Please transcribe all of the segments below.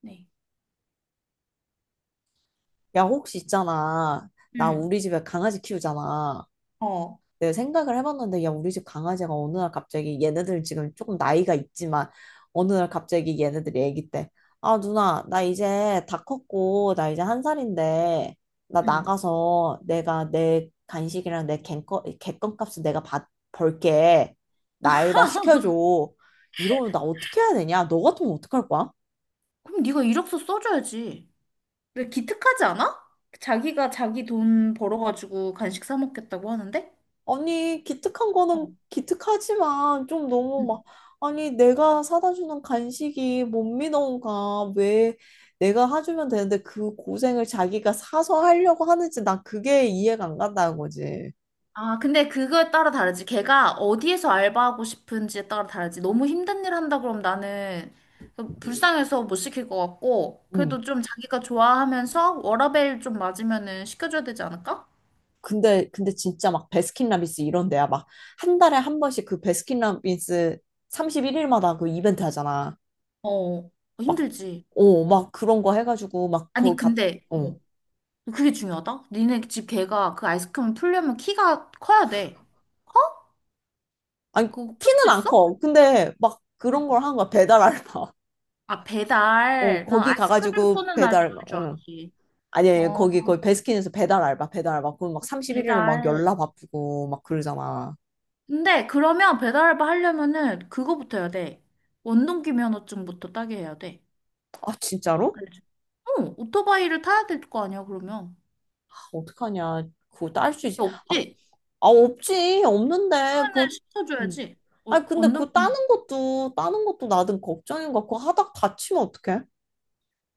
네. 야, 혹시 있잖아. 나 응, 우리 집에 강아지 키우잖아. 어. 내가 생각을 해봤는데, 야, 우리 집 강아지가 어느 날 갑자기 얘네들 지금 조금 나이가 있지만, 어느 날 갑자기 얘네들이 애기 때, 아, 누나, 나 이제 다 컸고, 나 이제 1살인데, 나 응. 나가서 내가 내 간식이랑 내 객건값을 내가 벌게. 나 알바 시켜줘. 이러면 나 어떻게 해야 되냐? 너 같으면 어떡할 거야? 그럼 네가 이력서 써줘야지. 왜 기특하지 않아? 자기가 자기 돈 벌어가지고 간식 사 먹겠다고 하는데? 아니, 기특한 어, 거는 기특하지만 좀 너무 응. 막, 아니, 내가 사다 주는 간식이 못 믿어온가. 왜 내가 해주면 되는데 그 고생을 자기가 사서 하려고 하는지 난 그게 이해가 안 간다는 거지. 아, 근데 그거에 따라 다르지. 걔가 어디에서 알바하고 싶은지에 따라 다르지. 너무 힘든 일 한다 그럼 나는 불쌍해서 못 시킬 것 같고, 그래도 음. 좀 자기가 좋아하면서 워라밸 좀 맞으면은 시켜줘야 되지 않을까? 근데 진짜 막 베스킨라빈스 이런 데야. 막 한 달에 한 번씩 그 베스킨라빈스 31일마다 그 이벤트 하잖아. 어, 막, 힘들지. 막 그런 거 해가지고 막 아니, 근데, 어. 그게 중요하다? 니네 집 개가 그 아이스크림 풀려면 키가 커야 돼. 커? 아니, 그거 풀 수 키는 안 있어? 커. 근데 막 그런 걸 한 거야. 배달 알바. 아, 어, 배달. 난 거기 아이스크림 가가지고 푸는 알바 배달, 할 줄 응. 알았지. 아니, 어, 거기 베스킨에서 배달 알바, 배달 알바. 그럼 막 31일을 막 배달. 열나 바쁘고 막 그러잖아. 근데 그러면 배달 알바 하려면은 그거부터 해야 돼. 원동기 면허증부터 따게 해야 돼. 아, 진짜로? 알지? 어, 오토바이를 타야 될 거 아니야, 그러면. 아, 어떡하냐. 그거 딸 수 있, 아, 없지? 없지. 없는데. 그거, 그러면은 응. 시켜줘야지. 어, 아니, 근데 원동기. 따는 것도 나든 걱정인 것 같고, 하다 다치면 어떡해?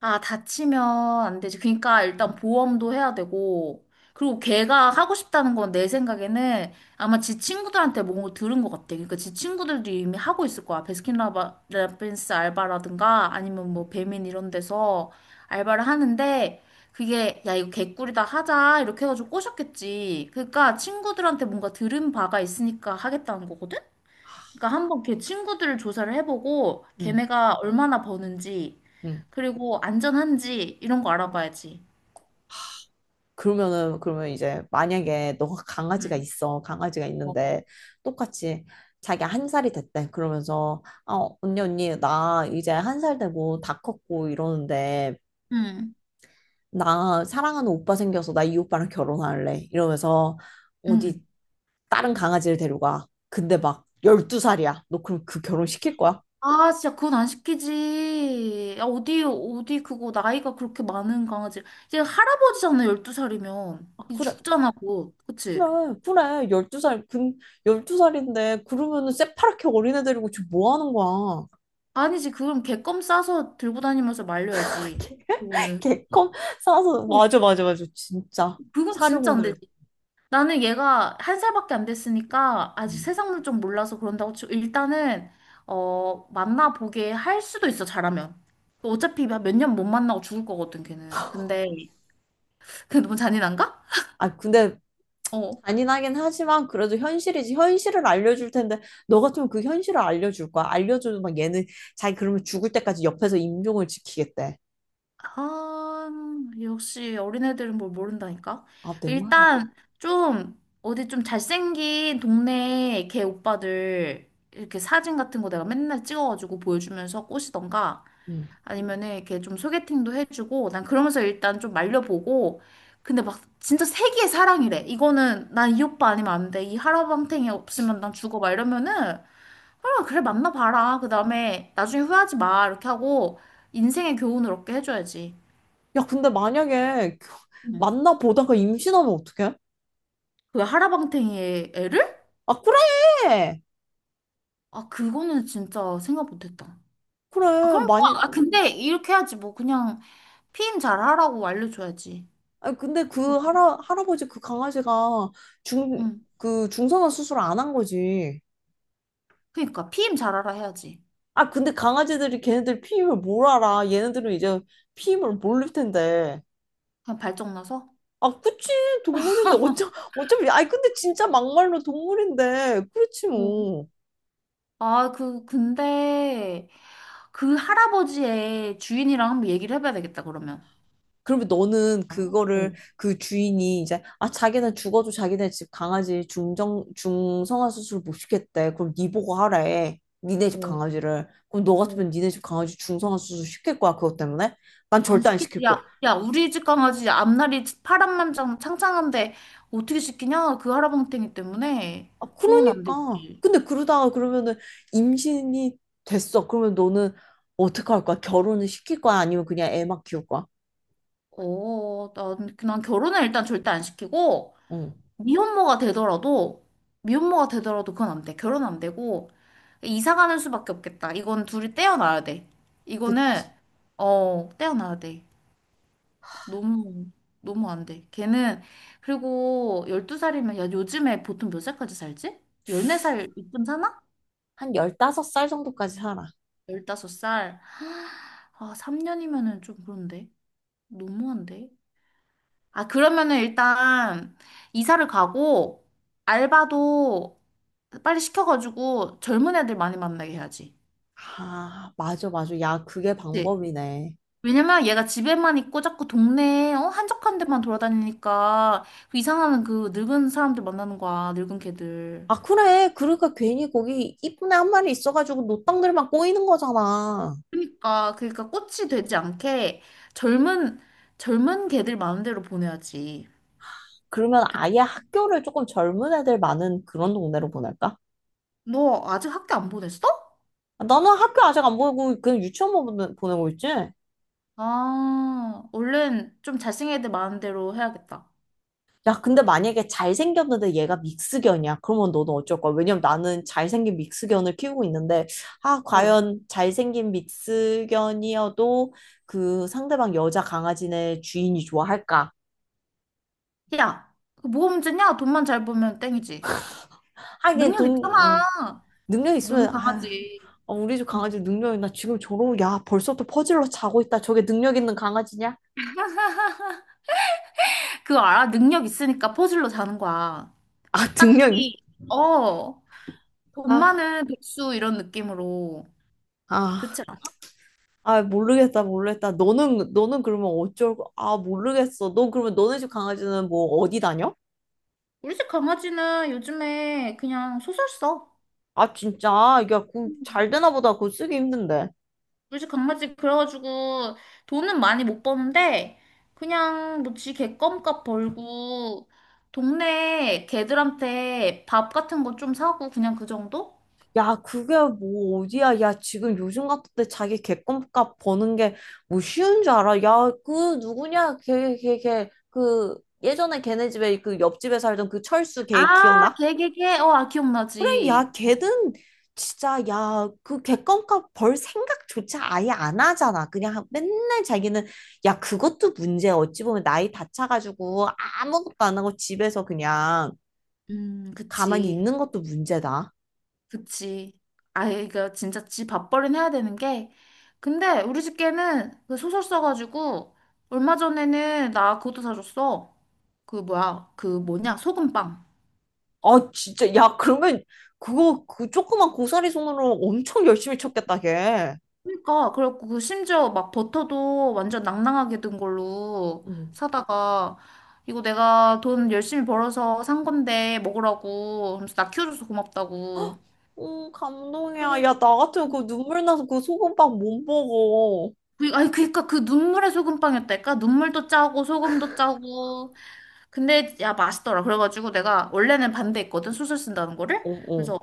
아, 다치면 안 되지. 그러니까 일단 응, 보험도 해야 되고, 그리고 걔가 하고 싶다는 건 내 생각에는 아마 지 친구들한테 뭔가 들은 것 같아. 그러니까 지 친구들도 이미 하고 있을 거야. 베스킨라빈스 알바라든가 아니면 뭐 배민 이런 데서 알바를 하는데 그게 야, 이거 개꿀이다 하자. 이렇게 해가지고 꼬셨겠지. 그러니까 친구들한테 뭔가 들은 바가 있으니까 하겠다는 거거든? 그러니까 한번 걔 친구들을 조사를 해보고 응. 걔네가 얼마나 버는지 응. 그리고 안전한지 이런 거 알아봐야지. 그러면 이제 만약에 너가 강아지가 응, 있어 강아지가 맞아. 있는데 똑같이 자기 1살이 됐대, 그러면서, 아, 언니 언니, 나 이제 한 살 되고 다 컸고 이러는데 응, 나 사랑하는 오빠 생겨서 나 이 오빠랑 결혼할래 이러면서 응. 어디 다른 강아지를 데려가. 근데 막 12살이야. 너 그럼 그 결혼 시킬 거야? 아, 진짜 그건 안 시키지. 야, 어디, 어디 그거 나이가 그렇게 많은 강아지. 얘 할아버지잖아, 12살이면. 아, 이 그래, 죽잖아, 그거 그치? 그래, 그래. 12살. 근 12살인데 그러면은 새파랗게 어린애 데리고 지금 뭐 하는 거야. 아니지, 그럼 개껌 싸서 들고 다니면서 말려야지. 그거는. 개껌 사서, 어, 맞아, 맞아, 맞아, 진짜 그건 진짜 안 사료공들을. 돼. 나는 얘가 한 살밖에 안 됐으니까 아직 음. 세상을 좀 몰라서 그런다고 치고 일단은 만나보게 할 수도 있어. 잘하면 어차피 몇 년 못 만나고 죽을 거거든 걔는. 근데 그게 너무 잔인한가? 아, 근데 어, 잔인하긴 하지만 그래도 현실이지. 현실을 알려줄 텐데, 너 같으면 그 현실을 알려줄 거야? 알려줘도 막 얘는 자기 그러면 죽을 때까지 옆에서 임종을 지키겠대. 아, 역시 어린애들은 뭘 모른다니까. 아, 내 말이. 일단 좀 어디 좀 잘생긴 동네 걔 오빠들 이렇게 사진 같은 거 내가 맨날 찍어가지고 보여주면서 꼬시던가 음. 아니면은 이렇게 좀 소개팅도 해주고 난 그러면서 일단 좀 말려보고. 근데 막 진짜 세기의 사랑이래. 이거는 난 이 오빠 아니면 안 돼, 이 하라방탱이 없으면 난 죽어, 막 이러면은 아 그래 만나봐라, 그 다음에 나중에 후회하지 마, 이렇게 하고 인생의 교훈을 얻게 해줘야지. 야, 근데 만약에 응. 만나보다가 임신하면 어떡해? 그 하라방탱이의 애를? 아, 그래, 아, 그거는 진짜 생각 못했다. 아, 그래, 그럼 뭐, 많이. 아 근데 이렇게 해야지 뭐. 그냥 피임 잘하라고 알려줘야지. 아, 근데 그 할아버지 그 강아지가, 중 응. 그 중성화 수술 안 한 거지. 그니까 피임 잘하라 해야지. 아, 근데 강아지들이 걔네들 피임을 뭘 알아. 얘네들은 이제 피임을 모를 텐데. 그냥 발정 나서. 아, 그치. 동물인데. 어차피. 아니, 근데 진짜 막말로 동물인데. 그렇지, 뭐. 아, 근데 그 할아버지의 주인이랑 한번 얘기를 해봐야 되겠다, 그러면. 그러면 너는 그거를, 어, 그 주인이 이제, 아, 자기는 죽어도 자기네 집 강아지 중성화 수술 못 시켰대. 그럼 니 보고 하래. 니네 집 어, 강아지를. 그럼 너 어. 같으면 니네 집 강아지 중성화 수술 시킬 거야? 그것 때문에? 난 안 절대 안 시키지. 시킬 야, 거야. 야, 우리 집 강아지 앞날이 파란만장 창창한데 어떻게 시키냐? 그 할아버지 때문에. 아, 그건 안 그러니까. 되지. 근데 그러다가 그러면은 임신이 됐어. 그러면 너는 어떻게 할 거야? 결혼을 시킬 거야? 아니면 그냥 애만 키울 거야? 어, 난 결혼은 일단 절대 안 시키고, 응. 미혼모가 되더라도, 미혼모가 되더라도 그건 안 돼. 결혼 안 되고, 이사 가는 수밖에 없겠다. 이건 둘이 떼어놔야 돼. 그, 이거는, 어, 떼어놔야 돼. 너무 너무 안 돼. 걔는 그리고 12살이면. 야, 요즘에 보통 몇 살까지 살지? 14살 이쯤 사나? 한다섯 살 정도까지 살아. 15살. 아, 3년이면은 좀 그런데. 너무한데. 아, 그러면은 일단 이사를 가고 알바도 빨리 시켜가지고 젊은 애들 많이 만나게 해야지. 아, 맞아, 맞아. 야, 그게 그치? 방법이네. 왜냐면 얘가 집에만 있고 자꾸 동네에 어? 한적한 데만 돌아다니니까 그 이상한 그 늙은 사람들 만나는 거야. 늙은 걔들. 아, 그래. 그러니까 괜히 거기 이쁜 애 1마리 있어가지고 노땅들만 꼬이는 거잖아. 아, 그러니까 꽃이 되지 않게 젊은 젊은 개들 마음대로 보내야지. 그러면 그치? 아예 학교를 조금 젊은 애들 많은 그런 동네로 보낼까? 너 아직 학교 안 보냈어? 아, 나는 학교 아직 안 보내고 그냥 유치원만 보내고 있지? 아, 얼른 좀 잘생긴 애들 마음대로 해야겠다. 야, 근데 만약에 잘생겼는데 얘가 믹스견이야. 그러면 너는 어쩔 거야? 왜냐면 나는 잘생긴 믹스견을 키우고 있는데, 아, 어. 과연 잘생긴 믹스견이어도 그 상대방 여자 강아지네 주인이 좋아할까? 야, 그 뭐가 문제냐? 돈만 잘 벌면 땡이지. 하긴 능력 돈, 음, 있잖아. 능력 있으면, 너는 아, 강하지. 어, 우리 집 응. 강아지 능력 있나? 지금 저러고, 야, 벌써부터 퍼질러 자고 있다. 저게 능력 있는 강아지냐? 그거 알아? 능력 있으니까 퍼즐로 자는 거야. 아, 능력, 딱히, 어, 돈 아, 많은 백수 이런 느낌으로. 아. 그치 않아? 아, 모르겠다, 모르겠다. 너는, 너는 그러면 아, 모르겠어. 너 그러면 너네 집 강아지는 뭐 어디 다녀? 우리 집 강아지는 요즘에 그냥 소설 써. 아, 진짜? 야, 그, 잘 되나 보다. 그거 쓰기 힘든데. 요새 강아지 그래가지고 돈은 많이 못 버는데 그냥 뭐지, 개껌값 벌고 동네 개들한테 밥 같은 거 좀 사고 그냥 그 정도? 야, 그게 뭐 어디야? 야, 지금 요즘 같은 때 자기 객관값 버는 게 뭐 쉬운 줄 알아? 야, 그 누구냐? 걔, 걔, 걔. 그 예전에 걔네 집에 그 옆집에 살던 그 철수 걔 아, 기억나? 개개개. 어, 아, 그래, 야, 기억나지. 걔든 진짜. 야, 그 객관값 벌 생각조차 아예 안 하잖아. 그냥 맨날 자기는, 야, 그것도 문제야. 어찌 보면 나이 다 차가지고 아무것도 안 하고 집에서 그냥 가만히 그치. 있는 것도 문제다. 그치. 아, 이거 진짜 지 밥벌이는 해야 되는 게. 근데 우리 집 개는 그 소설 써가지고 얼마 전에는 나 그것도 사줬어. 그 뭐야? 그 뭐냐? 소금빵. 아, 진짜. 야, 그러면 그거 그 조그만 고사리 손으로 엄청 열심히 쳤겠다, 걔. 그러니까 그래갖고 그 심지어 막 버터도 완전 낭낭하게 든 걸로 응. 사다가 이거 내가 돈 열심히 벌어서 산 건데 먹으라고 하면서 나 키워줘서 고맙다고. 감동이야. 그리고 야, 나 같으면 그 눈물 나서 그 소금빵 못 먹어. 아니 그니까 그 눈물의 소금빵이었다니까. 눈물도 짜고 소금도 짜고. 근데 야 맛있더라. 그래가지고 내가 원래는 반대했거든, 수술 쓴다는 거를. 어, 어. 그래서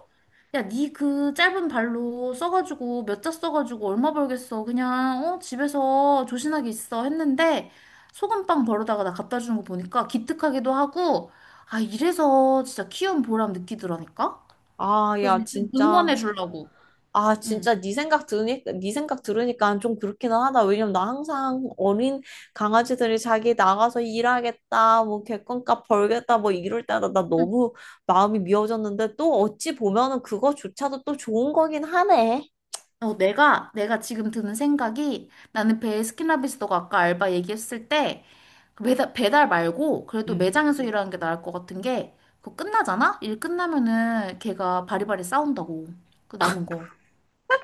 야, 니 그 짧은 발로 써가지고 몇 자 써가지고 얼마 벌겠어. 그냥 집에서 조신하게 있어 했는데 소금빵 벌어다가 나 갖다 주는 거 보니까 기특하기도 하고 아 이래서 진짜 키운 보람 느끼더라니까. 아, 그래서 야, 좀 진짜. 응원해 주려고. 아, 응. 진짜 네 생각 들으니까 좀 그렇기는 하다. 왜냐면 나 항상 어린 강아지들이 자기 나가서 일하겠다, 뭐 객관값 벌겠다, 뭐 이럴 때마다 나 너무 마음이 미어졌는데 또 어찌 보면은 그거조차도 또 좋은 거긴 하네. 어, 내가 지금 드는 생각이 나는 베스킨라빈스 너가 아까 알바 얘기했을 때 그 배달 말고 그래도 응. 매장에서 일하는 게 나을 것 같은 게 그거 끝나잖아? 일 끝나면은 걔가 바리바리 싸운다고. 그 남은 거.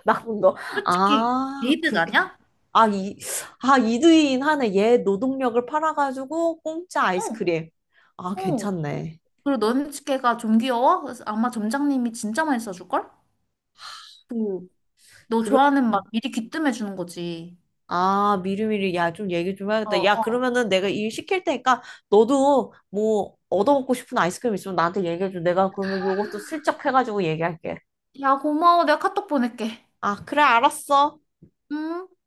나쁜 거. 솔직히 아, 게이득 그렇게. 아니야? 아, 이, 아, 이두인 하네. 얘 노동력을 팔아가지고 공짜 아이스크림. 어, 아, 어. 괜찮네. 그리고 너는 걔가 좀 귀여워? 그래서 아마 점장님이 진짜 많이 써줄걸? 그, 너 그러 좋아하는 맛 미리 귀뜸해 주는 거지. 아, 미리미리, 야, 좀 얘기 좀 어, 해야겠다. 야, 어. 그러면은 내가 일 시킬 테니까 너도 뭐 얻어먹고 싶은 아이스크림 있으면 나한테 얘기해줘. 내가 그러면 요것도 슬쩍 해가지고 얘기할게. 야, 고마워. 내가 카톡 보낼게. 아, 그래, 알았어. 응?